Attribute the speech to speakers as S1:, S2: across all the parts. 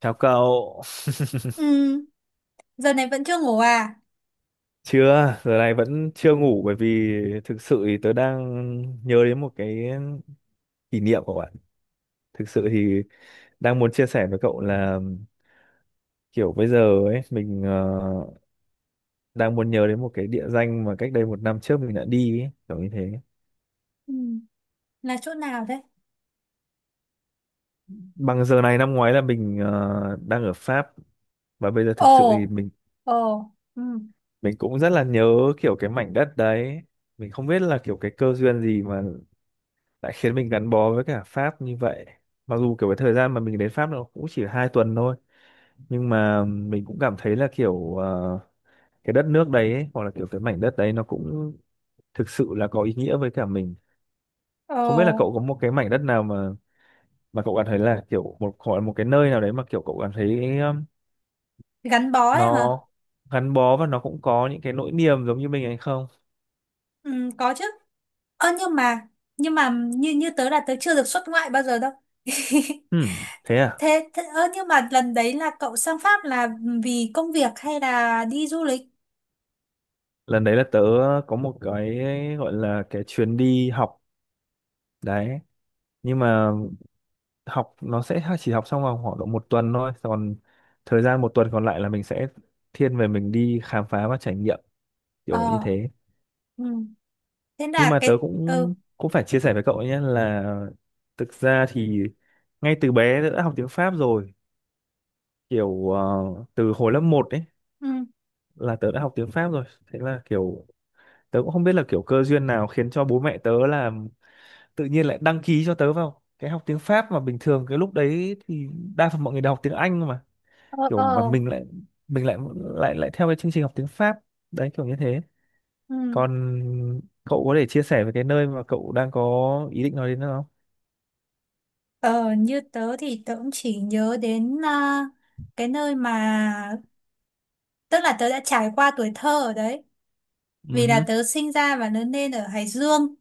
S1: Chào cậu,
S2: Ừ, giờ này vẫn chưa ngủ à?
S1: chưa, giờ này vẫn chưa ngủ bởi vì thực sự thì tớ đang nhớ đến một cái kỷ niệm của bạn. Thực sự thì đang muốn chia sẻ với cậu là kiểu bây giờ ấy, mình đang muốn nhớ đến một cái địa danh mà cách đây một năm trước mình đã đi ấy, kiểu như thế.
S2: Ừ, là chỗ nào đấy?
S1: Bằng giờ này năm ngoái là mình đang ở Pháp và bây giờ thực sự thì
S2: Ồ,
S1: mình
S2: ồ, ừ,
S1: mình cũng rất là nhớ kiểu cái mảnh đất đấy. Mình không biết là kiểu cái cơ duyên gì mà đã khiến mình gắn bó với cả Pháp như vậy, mặc dù kiểu cái thời gian mà mình đến Pháp nó cũng chỉ 2 tuần thôi, nhưng mà mình cũng cảm thấy là kiểu cái đất nước đấy ấy, hoặc là kiểu cái mảnh đất đấy nó cũng thực sự là có ý nghĩa với cả mình.
S2: ồ,
S1: Không biết là cậu có một cái mảnh đất nào mà cậu cảm thấy là kiểu một, hoặc là một cái nơi nào đấy mà kiểu cậu cảm thấy,
S2: gắn bó ấy hả?
S1: nó gắn bó và nó cũng có những cái nỗi niềm giống như mình hay không.
S2: Ừ, có chứ. Ơ nhưng mà, như như tớ là tớ chưa được xuất ngoại bao giờ đâu.
S1: Hmm, thế à.
S2: Thế, ơ nhưng mà lần đấy là cậu sang Pháp là vì công việc hay là đi du lịch?
S1: Lần đấy là tớ có một cái gọi là cái chuyến đi học đấy, nhưng mà học nó sẽ chỉ học xong vào khoảng độ một tuần thôi, còn thời gian một tuần còn lại là mình sẽ thiên về mình đi khám phá và trải nghiệm, kiểu như
S2: Ờ,
S1: thế.
S2: ừ, thế
S1: Nhưng
S2: là
S1: mà tớ
S2: cái, ừ,
S1: cũng cũng phải chia sẻ với cậu ấy nhé là thực ra thì ngay từ bé tớ đã học tiếng Pháp rồi, kiểu từ hồi lớp một ấy
S2: ừ,
S1: là tớ đã học tiếng Pháp rồi. Thế là kiểu tớ cũng không biết là kiểu cơ duyên nào khiến cho bố mẹ tớ là tự nhiên lại đăng ký cho tớ vào cái học tiếng Pháp, mà bình thường cái lúc đấy thì đa phần mọi người đều học tiếng Anh.
S2: ờ,
S1: Kiểu
S2: ờ,
S1: mà mình lại lại lại theo cái chương trình học tiếng Pháp đấy, kiểu như thế.
S2: ừ.
S1: Còn cậu có thể chia sẻ về cái nơi mà cậu đang có ý định nói đến nữa không?
S2: Ờ, như tớ thì tớ cũng chỉ nhớ đến à, cái nơi mà. Tức là tớ đã trải qua tuổi thơ ở đấy.
S1: Ừ
S2: Vì là
S1: hứ.
S2: tớ sinh ra và lớn lên ở Hải Dương.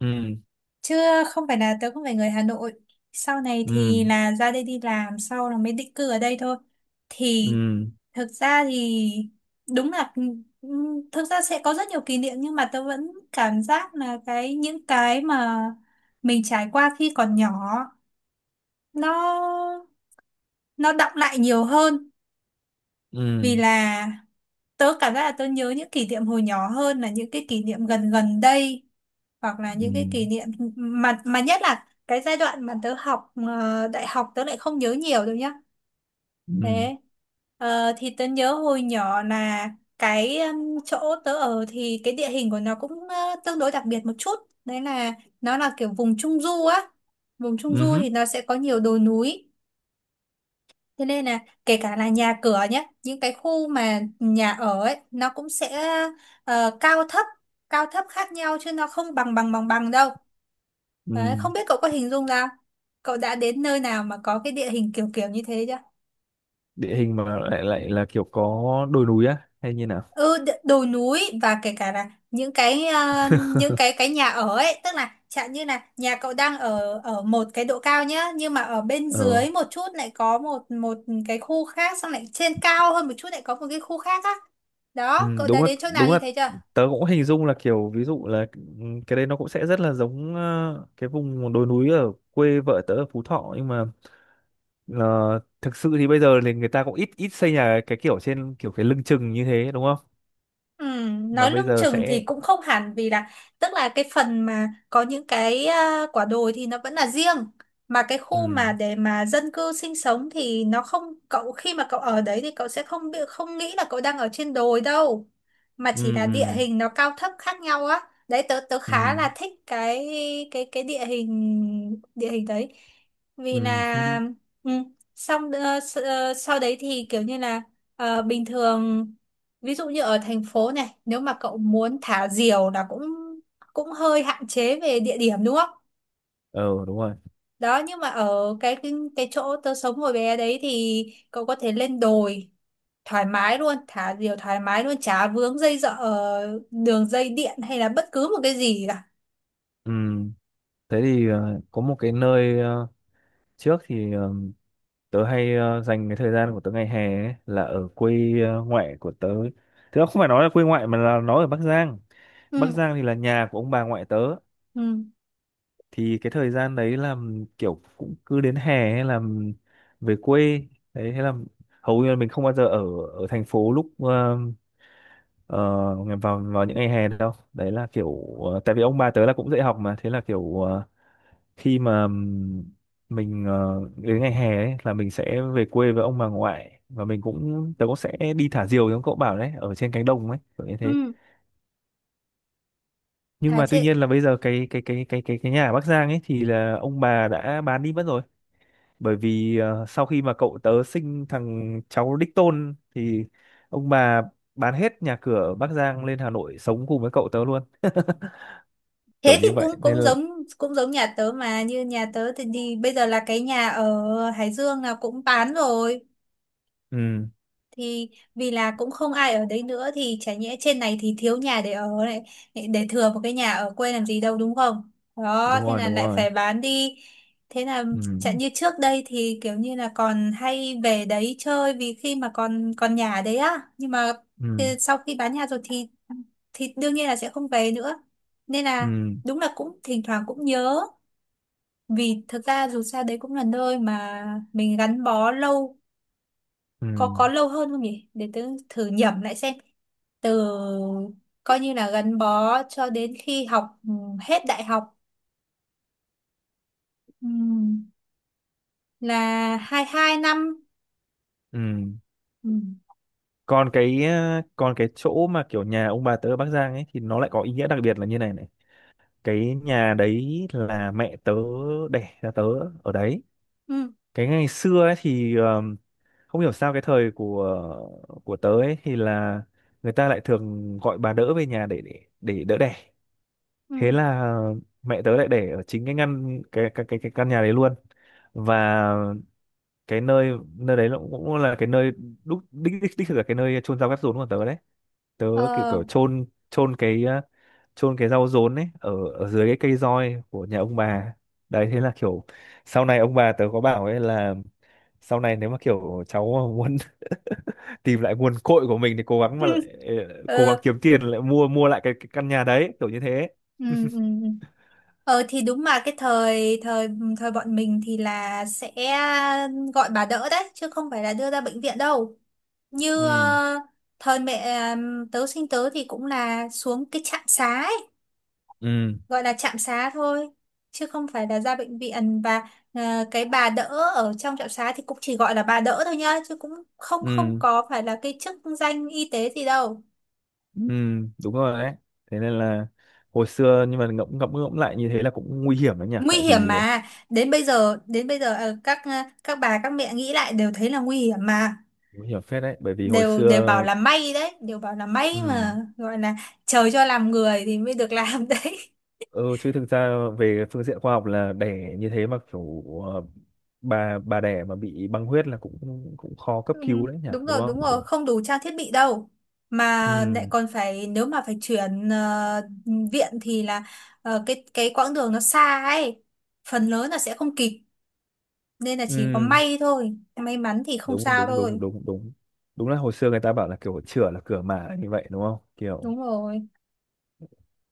S1: Ừ,
S2: Chứ không phải là tớ không phải người Hà Nội. Sau này
S1: ừ,
S2: thì là ra đây đi làm, sau là mới định cư ở đây thôi. Thì
S1: ừ,
S2: thực ra thì đúng là thực ra sẽ có rất nhiều kỷ niệm, nhưng mà tớ vẫn cảm giác là những cái mà mình trải qua khi còn nhỏ nó nó đọng lại nhiều hơn.
S1: ừ,
S2: Vì là tớ cảm giác là tớ nhớ những kỷ niệm hồi nhỏ hơn là những cái kỷ niệm gần gần đây, hoặc là
S1: ừ,
S2: những cái kỷ niệm mà nhất là cái giai đoạn mà tớ học đại học tớ lại không nhớ nhiều đâu nhá.
S1: ừ.
S2: Thế thì tớ nhớ hồi nhỏ là cái chỗ tớ ở thì cái địa hình của nó cũng tương đối đặc biệt một chút. Đấy là nó là kiểu vùng trung du á, vùng trung
S1: Ừ
S2: du
S1: hứ.
S2: thì nó sẽ có nhiều đồi núi. Thế nên là kể cả là nhà cửa nhé, những cái khu mà nhà ở ấy, nó cũng sẽ ờ, cao thấp, cao thấp khác nhau chứ nó không bằng bằng bằng bằng đâu.
S1: Ừ.
S2: Đấy, không biết cậu có hình dung ra, cậu đã đến nơi nào mà có cái địa hình kiểu kiểu như thế chưa?
S1: Địa hình mà lại lại là kiểu có đồi núi á, hay như nào?
S2: Ừ, đồi núi, và kể cả là những cái những cái nhà ở ấy, tức là chẳng như là nhà cậu đang ở ở một cái độ cao nhá, nhưng mà ở bên
S1: ờ
S2: dưới một chút lại có một một cái khu khác, xong lại trên cao hơn một chút lại có một cái khu khác á.
S1: ừ,
S2: Đó, cậu đã
S1: đúng là
S2: đến chỗ nào
S1: đúng
S2: như
S1: là
S2: thế chưa?
S1: tớ cũng hình dung là kiểu, ví dụ là ừ, cái đấy nó cũng sẽ rất là giống cái vùng đồi núi ở quê vợ tớ ở Phú Thọ. Nhưng mà ờ, thực sự thì bây giờ thì người ta cũng ít ít xây nhà cái kiểu trên kiểu cái lưng chừng như thế đúng không?
S2: Ừ,
S1: Mà
S2: nói
S1: bây
S2: lưng
S1: giờ
S2: chừng thì
S1: sẽ,
S2: cũng không hẳn, vì là tức là cái phần mà có những cái à, quả đồi thì nó vẫn là riêng, mà cái
S1: ừ,
S2: khu mà để mà dân cư sinh sống thì nó không, cậu khi mà cậu ở đấy thì cậu sẽ không bị không nghĩ là cậu đang ở trên đồi đâu, mà
S1: ừ,
S2: chỉ là
S1: ừ,
S2: địa hình nó cao thấp khác nhau á. Đấy tớ tớ
S1: ừ,
S2: khá là thích cái cái địa hình đấy. Vì
S1: ừ hứ.
S2: là ừ, xong sau đấy thì kiểu như là bình thường. Ví dụ như ở thành phố này, nếu mà cậu muốn thả diều là cũng cũng hơi hạn chế về địa điểm đúng không?
S1: ờ Đúng rồi.
S2: Đó, nhưng mà ở cái chỗ tớ sống hồi bé đấy thì cậu có thể lên đồi thoải mái luôn, thả diều thoải mái luôn, chả vướng dây dợ đường dây điện hay là bất cứ một cái gì cả.
S1: Ừ. Thế thì có một cái nơi, trước thì tớ hay dành cái thời gian của tớ ngày hè ấy, là ở quê ngoại của tớ. Thế không phải nói là quê ngoại mà là nó ở Bắc Giang. Bắc
S2: Ừ,
S1: Giang thì là nhà của ông bà ngoại tớ.
S2: ừ,
S1: Thì cái thời gian đấy là kiểu cũng cứ đến hè, hay là về quê đấy, hay là hầu như là mình không bao giờ ở ở thành phố lúc ờ, vào vào những ngày hè đâu. Đấy là kiểu tại vì ông bà tớ là cũng dạy học mà, thế là kiểu khi mà mình đến ngày hè ấy, là mình sẽ về quê với ông bà ngoại, và mình cũng tớ cũng sẽ đi thả diều giống cậu bảo đấy, ở trên cánh đồng ấy, kiểu như thế.
S2: ừ.
S1: Nhưng
S2: À,
S1: mà tuy
S2: thế,
S1: nhiên là bây giờ cái nhà ở Bắc Giang ấy thì là ông bà đã bán đi mất rồi, bởi vì sau khi mà cậu tớ sinh thằng cháu đích tôn thì ông bà bán hết nhà cửa ở Bắc Giang lên Hà Nội sống cùng với cậu tớ luôn, kiểu
S2: thế thì
S1: như
S2: cũng
S1: vậy nên là.
S2: cũng giống nhà tớ, mà như nhà tớ thì bây giờ là cái nhà ở Hải Dương là cũng bán rồi.
S1: Ừ.
S2: Thì vì là cũng không ai ở đấy nữa, thì chả nhẽ trên này thì thiếu nhà để ở này, để thừa một cái nhà ở quê làm gì đâu đúng không. Đó
S1: Đúng
S2: thế
S1: rồi,
S2: là
S1: đúng
S2: lại
S1: rồi.
S2: phải bán đi. Thế là
S1: Ừ,
S2: chẳng như trước đây thì kiểu như là còn hay về đấy chơi vì khi mà còn còn nhà đấy á, nhưng mà
S1: ừ,
S2: thì sau khi bán nhà rồi thì đương nhiên là sẽ không về nữa. Nên
S1: ừ,
S2: là đúng là cũng thỉnh thoảng cũng nhớ, vì thực ra dù sao đấy cũng là nơi mà mình gắn bó lâu.
S1: ừ,
S2: Có lâu hơn không nhỉ, để tớ thử nhẩm lại xem. Từ coi như là gắn bó cho đến khi học ừ, hết đại học, ừ, là 22 năm.
S1: ừ.
S2: Ừ,
S1: Còn cái chỗ mà kiểu nhà ông bà tớ ở Bắc Giang ấy thì nó lại có ý nghĩa đặc biệt là như này này. Cái nhà đấy là mẹ tớ đẻ ra tớ ở đấy.
S2: ừ,
S1: Cái ngày xưa ấy thì không hiểu sao cái thời của tớ ấy thì là người ta lại thường gọi bà đỡ về nhà để đỡ đẻ. Thế
S2: ừ,
S1: là mẹ tớ lại để ở chính cái ngăn cái căn nhà đấy luôn. Và cái nơi nơi đấy nó cũng là cái nơi đích thực là cái nơi chôn rau cắt rốn của tớ đấy. Tớ kiểu
S2: ờ.
S1: kiểu chôn chôn cái ờ, chôn cái rau rốn ấy ở ở dưới cái cây roi của nhà ông bà đấy. Thế là kiểu sau này ông bà tớ có bảo ấy là, sau này nếu mà kiểu cháu mà muốn tìm lại nguồn cội của mình thì cố gắng mà lại cố gắng
S2: Ờ,
S1: kiếm tiền lại mua mua lại cái căn nhà đấy, kiểu như thế.
S2: ừ, ừ, ừ. Ờ thì đúng, mà cái thời thời ừ, thời bọn mình thì là sẽ gọi bà đỡ đấy chứ không phải là đưa ra bệnh viện đâu, như
S1: Ừ,
S2: thời mẹ tớ sinh tớ thì cũng là xuống cái trạm xá ấy.
S1: ừ,
S2: Gọi là trạm xá thôi chứ không phải là ra bệnh viện, và à, cái bà đỡ ở trong trạm xá thì cũng chỉ gọi là bà đỡ thôi nhá, chứ cũng không không
S1: ừ,
S2: có phải là cái chức danh y tế gì đâu.
S1: ừ. Đúng rồi đấy. Thế nên là hồi xưa, nhưng mà ngẫm ngẫm ngẫm lại như thế là cũng nguy hiểm đấy nhỉ,
S2: Nguy
S1: tại
S2: hiểm
S1: vì
S2: mà, đến bây giờ các bà các mẹ nghĩ lại đều thấy là nguy hiểm mà.
S1: nguy hiểm phết đấy, bởi vì hồi
S2: Đều đều bảo
S1: xưa.
S2: là may đấy, đều bảo là
S1: Ừ,
S2: may mà gọi là trời cho làm người thì mới được làm đấy.
S1: ừ. Chứ thực ra về phương diện khoa học là đẻ như thế mà kiểu bà đẻ mà bị băng huyết là cũng cũng khó cấp cứu đấy nhỉ,
S2: Đúng
S1: đúng
S2: rồi đúng
S1: không,
S2: rồi,
S1: kiểu.
S2: không đủ trang thiết bị đâu, mà lại
S1: Ừ,
S2: còn phải nếu mà phải chuyển viện thì là cái quãng đường nó xa ấy, phần lớn là sẽ không kịp, nên là chỉ có
S1: ừ.
S2: may thôi, may mắn thì không
S1: Đúng,
S2: sao
S1: đúng,
S2: thôi.
S1: đúng, đúng, đúng. Đúng là hồi xưa người ta bảo là kiểu chửa là cửa mà, như vậy đúng không, kiểu
S2: Đúng rồi.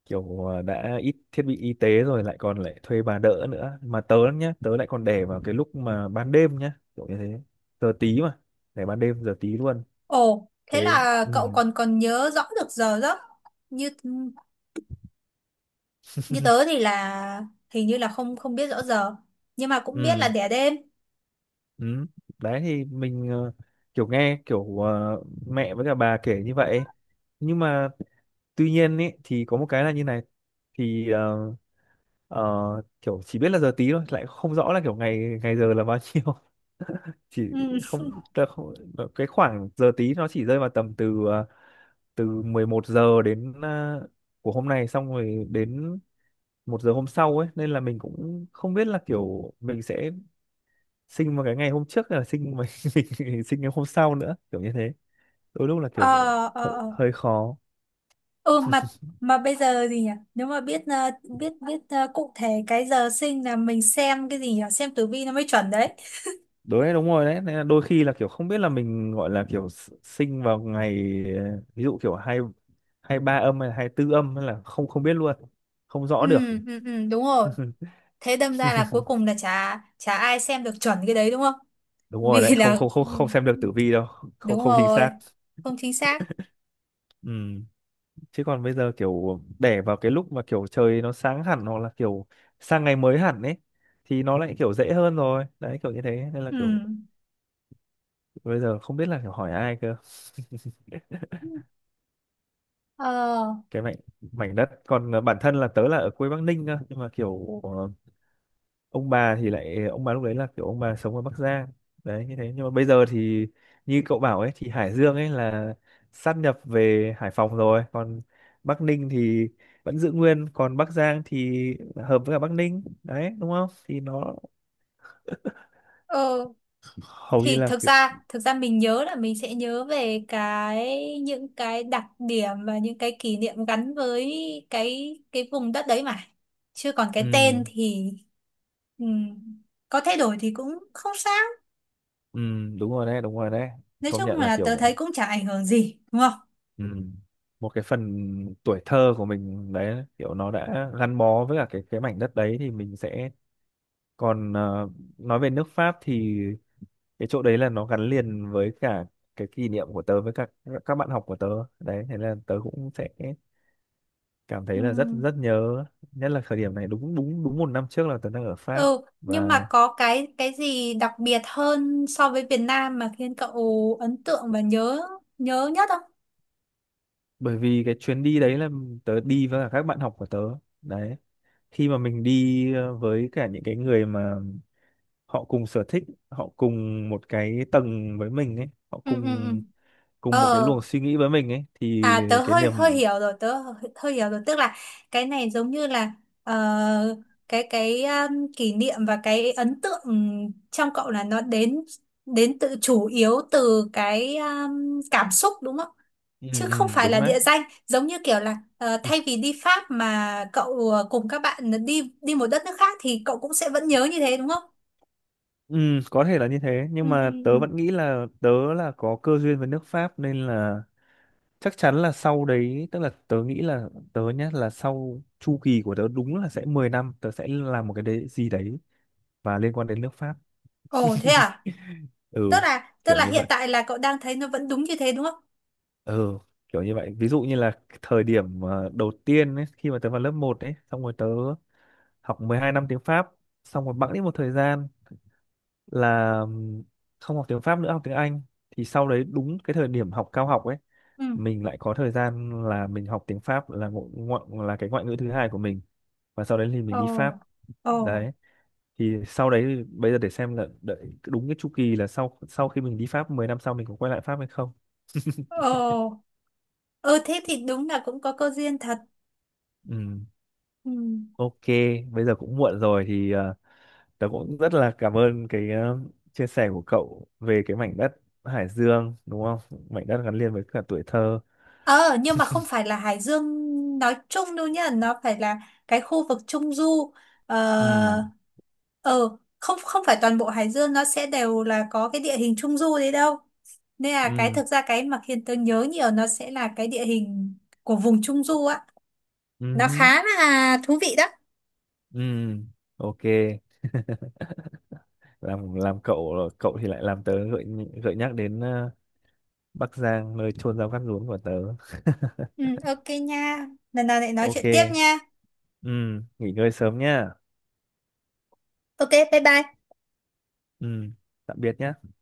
S1: kiểu ờ, đã ít thiết bị y tế rồi, lại còn lại thuê bà đỡ nữa, mà tớ nhá, tớ lại còn để vào cái lúc mà ban đêm nhá, kiểu như thế, giờ tí mà, để ban đêm giờ tí luôn.
S2: Ồ thế
S1: Thế.
S2: là
S1: Ừ,
S2: cậu còn còn nhớ rõ được giờ giấc. Như như tớ thì là hình như là không không biết rõ giờ, nhưng mà cũng biết là
S1: ừ,
S2: đẻ đêm.
S1: ừ. Đấy thì mình kiểu nghe kiểu mẹ với cả bà kể như vậy. Nhưng mà tuy nhiên ý, thì có một cái là như này, thì Ờ, kiểu chỉ biết là giờ tí thôi, lại không rõ là kiểu ngày ngày giờ là bao nhiêu. Chỉ
S2: Ừ.
S1: không, tớ không, cái khoảng giờ tí nó chỉ rơi vào tầm từ từ 11 giờ đến của hôm nay, xong rồi đến 1 giờ hôm sau ấy, nên là mình cũng không biết là kiểu mình sẽ sinh vào cái ngày hôm trước hay là sinh mình, mình sinh ngày hôm sau nữa, kiểu như thế. Đôi lúc là
S2: Ờ,
S1: kiểu
S2: ờ,
S1: hơi,
S2: ờ.
S1: hơi khó.
S2: Ừ mà mà bây giờ gì nhỉ, nếu mà biết biết biết cụ thể cái giờ sinh là mình xem cái gì nhỉ, xem tử vi nó mới chuẩn đấy.
S1: Đấy, đúng rồi đấy. Nên là đôi khi là kiểu không biết là mình gọi là kiểu sinh vào ngày ví dụ kiểu hai 23 âm hay 24 âm, hay là không không biết luôn, không
S2: Ừ,
S1: rõ được.
S2: ừ, ừ, đúng rồi. Thế đâm ra là cuối cùng là chả chả ai xem được chuẩn cái đấy đúng không.
S1: Đúng rồi đấy,
S2: Vì
S1: không,
S2: là
S1: không, không, không xem được tử vi đâu, không,
S2: đúng
S1: không chính
S2: rồi,
S1: xác.
S2: không chính xác.
S1: Ừ. Chứ còn bây giờ kiểu đẻ vào cái lúc mà kiểu trời nó sáng hẳn, hoặc là kiểu sang ngày mới hẳn ấy, thì nó lại kiểu dễ hơn rồi đấy, kiểu như thế, nên là
S2: Ừ,
S1: kiểu bây giờ không biết là kiểu hỏi ai cơ.
S2: ờ,
S1: Cái mảnh mảnh đất còn bản thân là tớ là ở quê Bắc Ninh cơ, nhưng mà kiểu ông bà lúc đấy là kiểu ông bà sống ở Bắc Giang đấy, như thế. Nhưng mà bây giờ thì như cậu bảo ấy, thì Hải Dương ấy là sát nhập về Hải Phòng rồi, còn Bắc Ninh thì vẫn giữ nguyên, còn Bắc Giang thì hợp với cả Bắc Ninh đấy đúng không, thì nó
S2: ờ,
S1: hầu như
S2: thì
S1: là
S2: thực
S1: kiểu.
S2: ra thực ra mình nhớ là mình sẽ nhớ về những cái đặc điểm và những cái kỷ niệm gắn với cái vùng đất đấy mà, chứ còn cái
S1: Ừ,
S2: tên thì ừm, có thay đổi thì cũng không sao.
S1: ừ. Đúng rồi đấy, đúng rồi đấy,
S2: Nói
S1: công
S2: chung
S1: nhận là
S2: là tớ
S1: kiểu.
S2: thấy cũng chả ảnh hưởng gì đúng không.
S1: Ừ. Một cái phần tuổi thơ của mình đấy, kiểu nó đã gắn bó với cả cái mảnh đất đấy thì mình sẽ. Còn nói về nước Pháp thì cái chỗ đấy là nó gắn liền với cả cái kỷ niệm của tớ với các bạn học của tớ đấy, thế là tớ cũng sẽ cảm thấy là rất
S2: Ừm.
S1: rất nhớ, nhất là thời điểm này. Đúng, đúng, đúng, một năm trước là tớ đang ở Pháp.
S2: Ừ nhưng mà
S1: Và
S2: có cái gì đặc biệt hơn so với Việt Nam mà khiến cậu ấn tượng và nhớ nhớ nhất không?
S1: bởi vì cái chuyến đi đấy là tớ đi với cả các bạn học của tớ đấy, khi mà mình đi với cả những cái người mà họ cùng sở thích, họ cùng một cái tầng với mình ấy, họ
S2: Ừ, ừ, ừ,
S1: cùng cùng một cái
S2: ờ.
S1: luồng suy nghĩ với mình ấy, thì
S2: À tớ
S1: cái
S2: hơi hơi
S1: niềm.
S2: hiểu rồi, tớ hơi, hơi hiểu rồi, tức là cái này giống như là ờ, cái kỷ niệm và cái ấn tượng trong cậu là nó đến đến tự chủ yếu từ cái cảm xúc đúng không?
S1: Ừ,
S2: Chứ không
S1: ừ,
S2: phải
S1: đúng
S2: là
S1: đấy.
S2: địa danh, giống như kiểu là
S1: Ừ,
S2: thay vì đi Pháp mà cậu cùng các bạn đi đi một đất nước khác thì cậu cũng sẽ vẫn nhớ như thế đúng không?
S1: ừ, có thể là như thế,
S2: Ừ,
S1: nhưng
S2: ừ,
S1: mà tớ
S2: ừ.
S1: vẫn nghĩ là tớ là có cơ duyên với nước Pháp, nên là chắc chắn là sau đấy, tức là tớ nghĩ là tớ nhá, là sau chu kỳ của tớ, đúng là sẽ 10 năm tớ sẽ làm một cái đấy gì đấy và liên quan đến nước Pháp.
S2: Ồ thế à?
S1: Ừ,
S2: Tức là tức
S1: kiểu
S2: là
S1: như
S2: hiện
S1: vậy.
S2: tại là cậu đang thấy nó vẫn đúng như thế đúng không?
S1: Ừ, kiểu như vậy, ví dụ như là cái thời điểm đầu tiên ấy, khi mà tớ vào lớp một ấy, xong rồi tớ học 12 năm tiếng Pháp, xong rồi bẵng đi một thời gian là không học tiếng Pháp nữa, học tiếng Anh, thì sau đấy đúng cái thời điểm học cao học ấy
S2: Ừ.
S1: mình lại có thời gian là mình học tiếng Pháp là ngo ngo- là cái ngoại ngữ thứ hai của mình, và sau đấy thì mình
S2: Ồ.
S1: đi Pháp
S2: Ồ.
S1: đấy. Thì sau đấy thì bây giờ để xem là đợi đúng cái chu kỳ là, sau sau khi mình đi Pháp 10 năm, sau mình có quay lại Pháp hay không.
S2: Ồ, ừ thế thì đúng là cũng có cơ duyên thật.
S1: Ừ.
S2: Ừ.
S1: Ok, bây giờ cũng muộn rồi thì tớ cũng rất là cảm ơn cái chia sẻ của cậu về cái mảnh đất Hải Dương, đúng không? Mảnh đất gắn liền với cả tuổi thơ.
S2: Ờ, nhưng mà không phải là Hải Dương nói chung đâu nhá, nó phải là cái khu vực Trung Du. Ờ,
S1: Ừ,
S2: ờ, không không phải toàn bộ Hải Dương nó sẽ đều là có cái địa hình Trung Du đấy đâu. Nên là cái
S1: ừ,
S2: thực ra cái mà khiến tớ nhớ nhiều nó sẽ là cái địa hình của vùng Trung Du á. Nó
S1: ừ,
S2: khá là thú vị đó.
S1: ừ, ok. Làm cậu cậu thì lại làm tớ gợi gợi nhắc đến Bắc Giang, nơi chôn rau cắt rúm của tớ.
S2: Ừ, ok nha. Lần nào lại nói
S1: Ok,
S2: chuyện tiếp nha.
S1: ừ, nghỉ ngơi sớm nhá.
S2: Ok, bye bye.
S1: Ừ, tạm biệt nhá.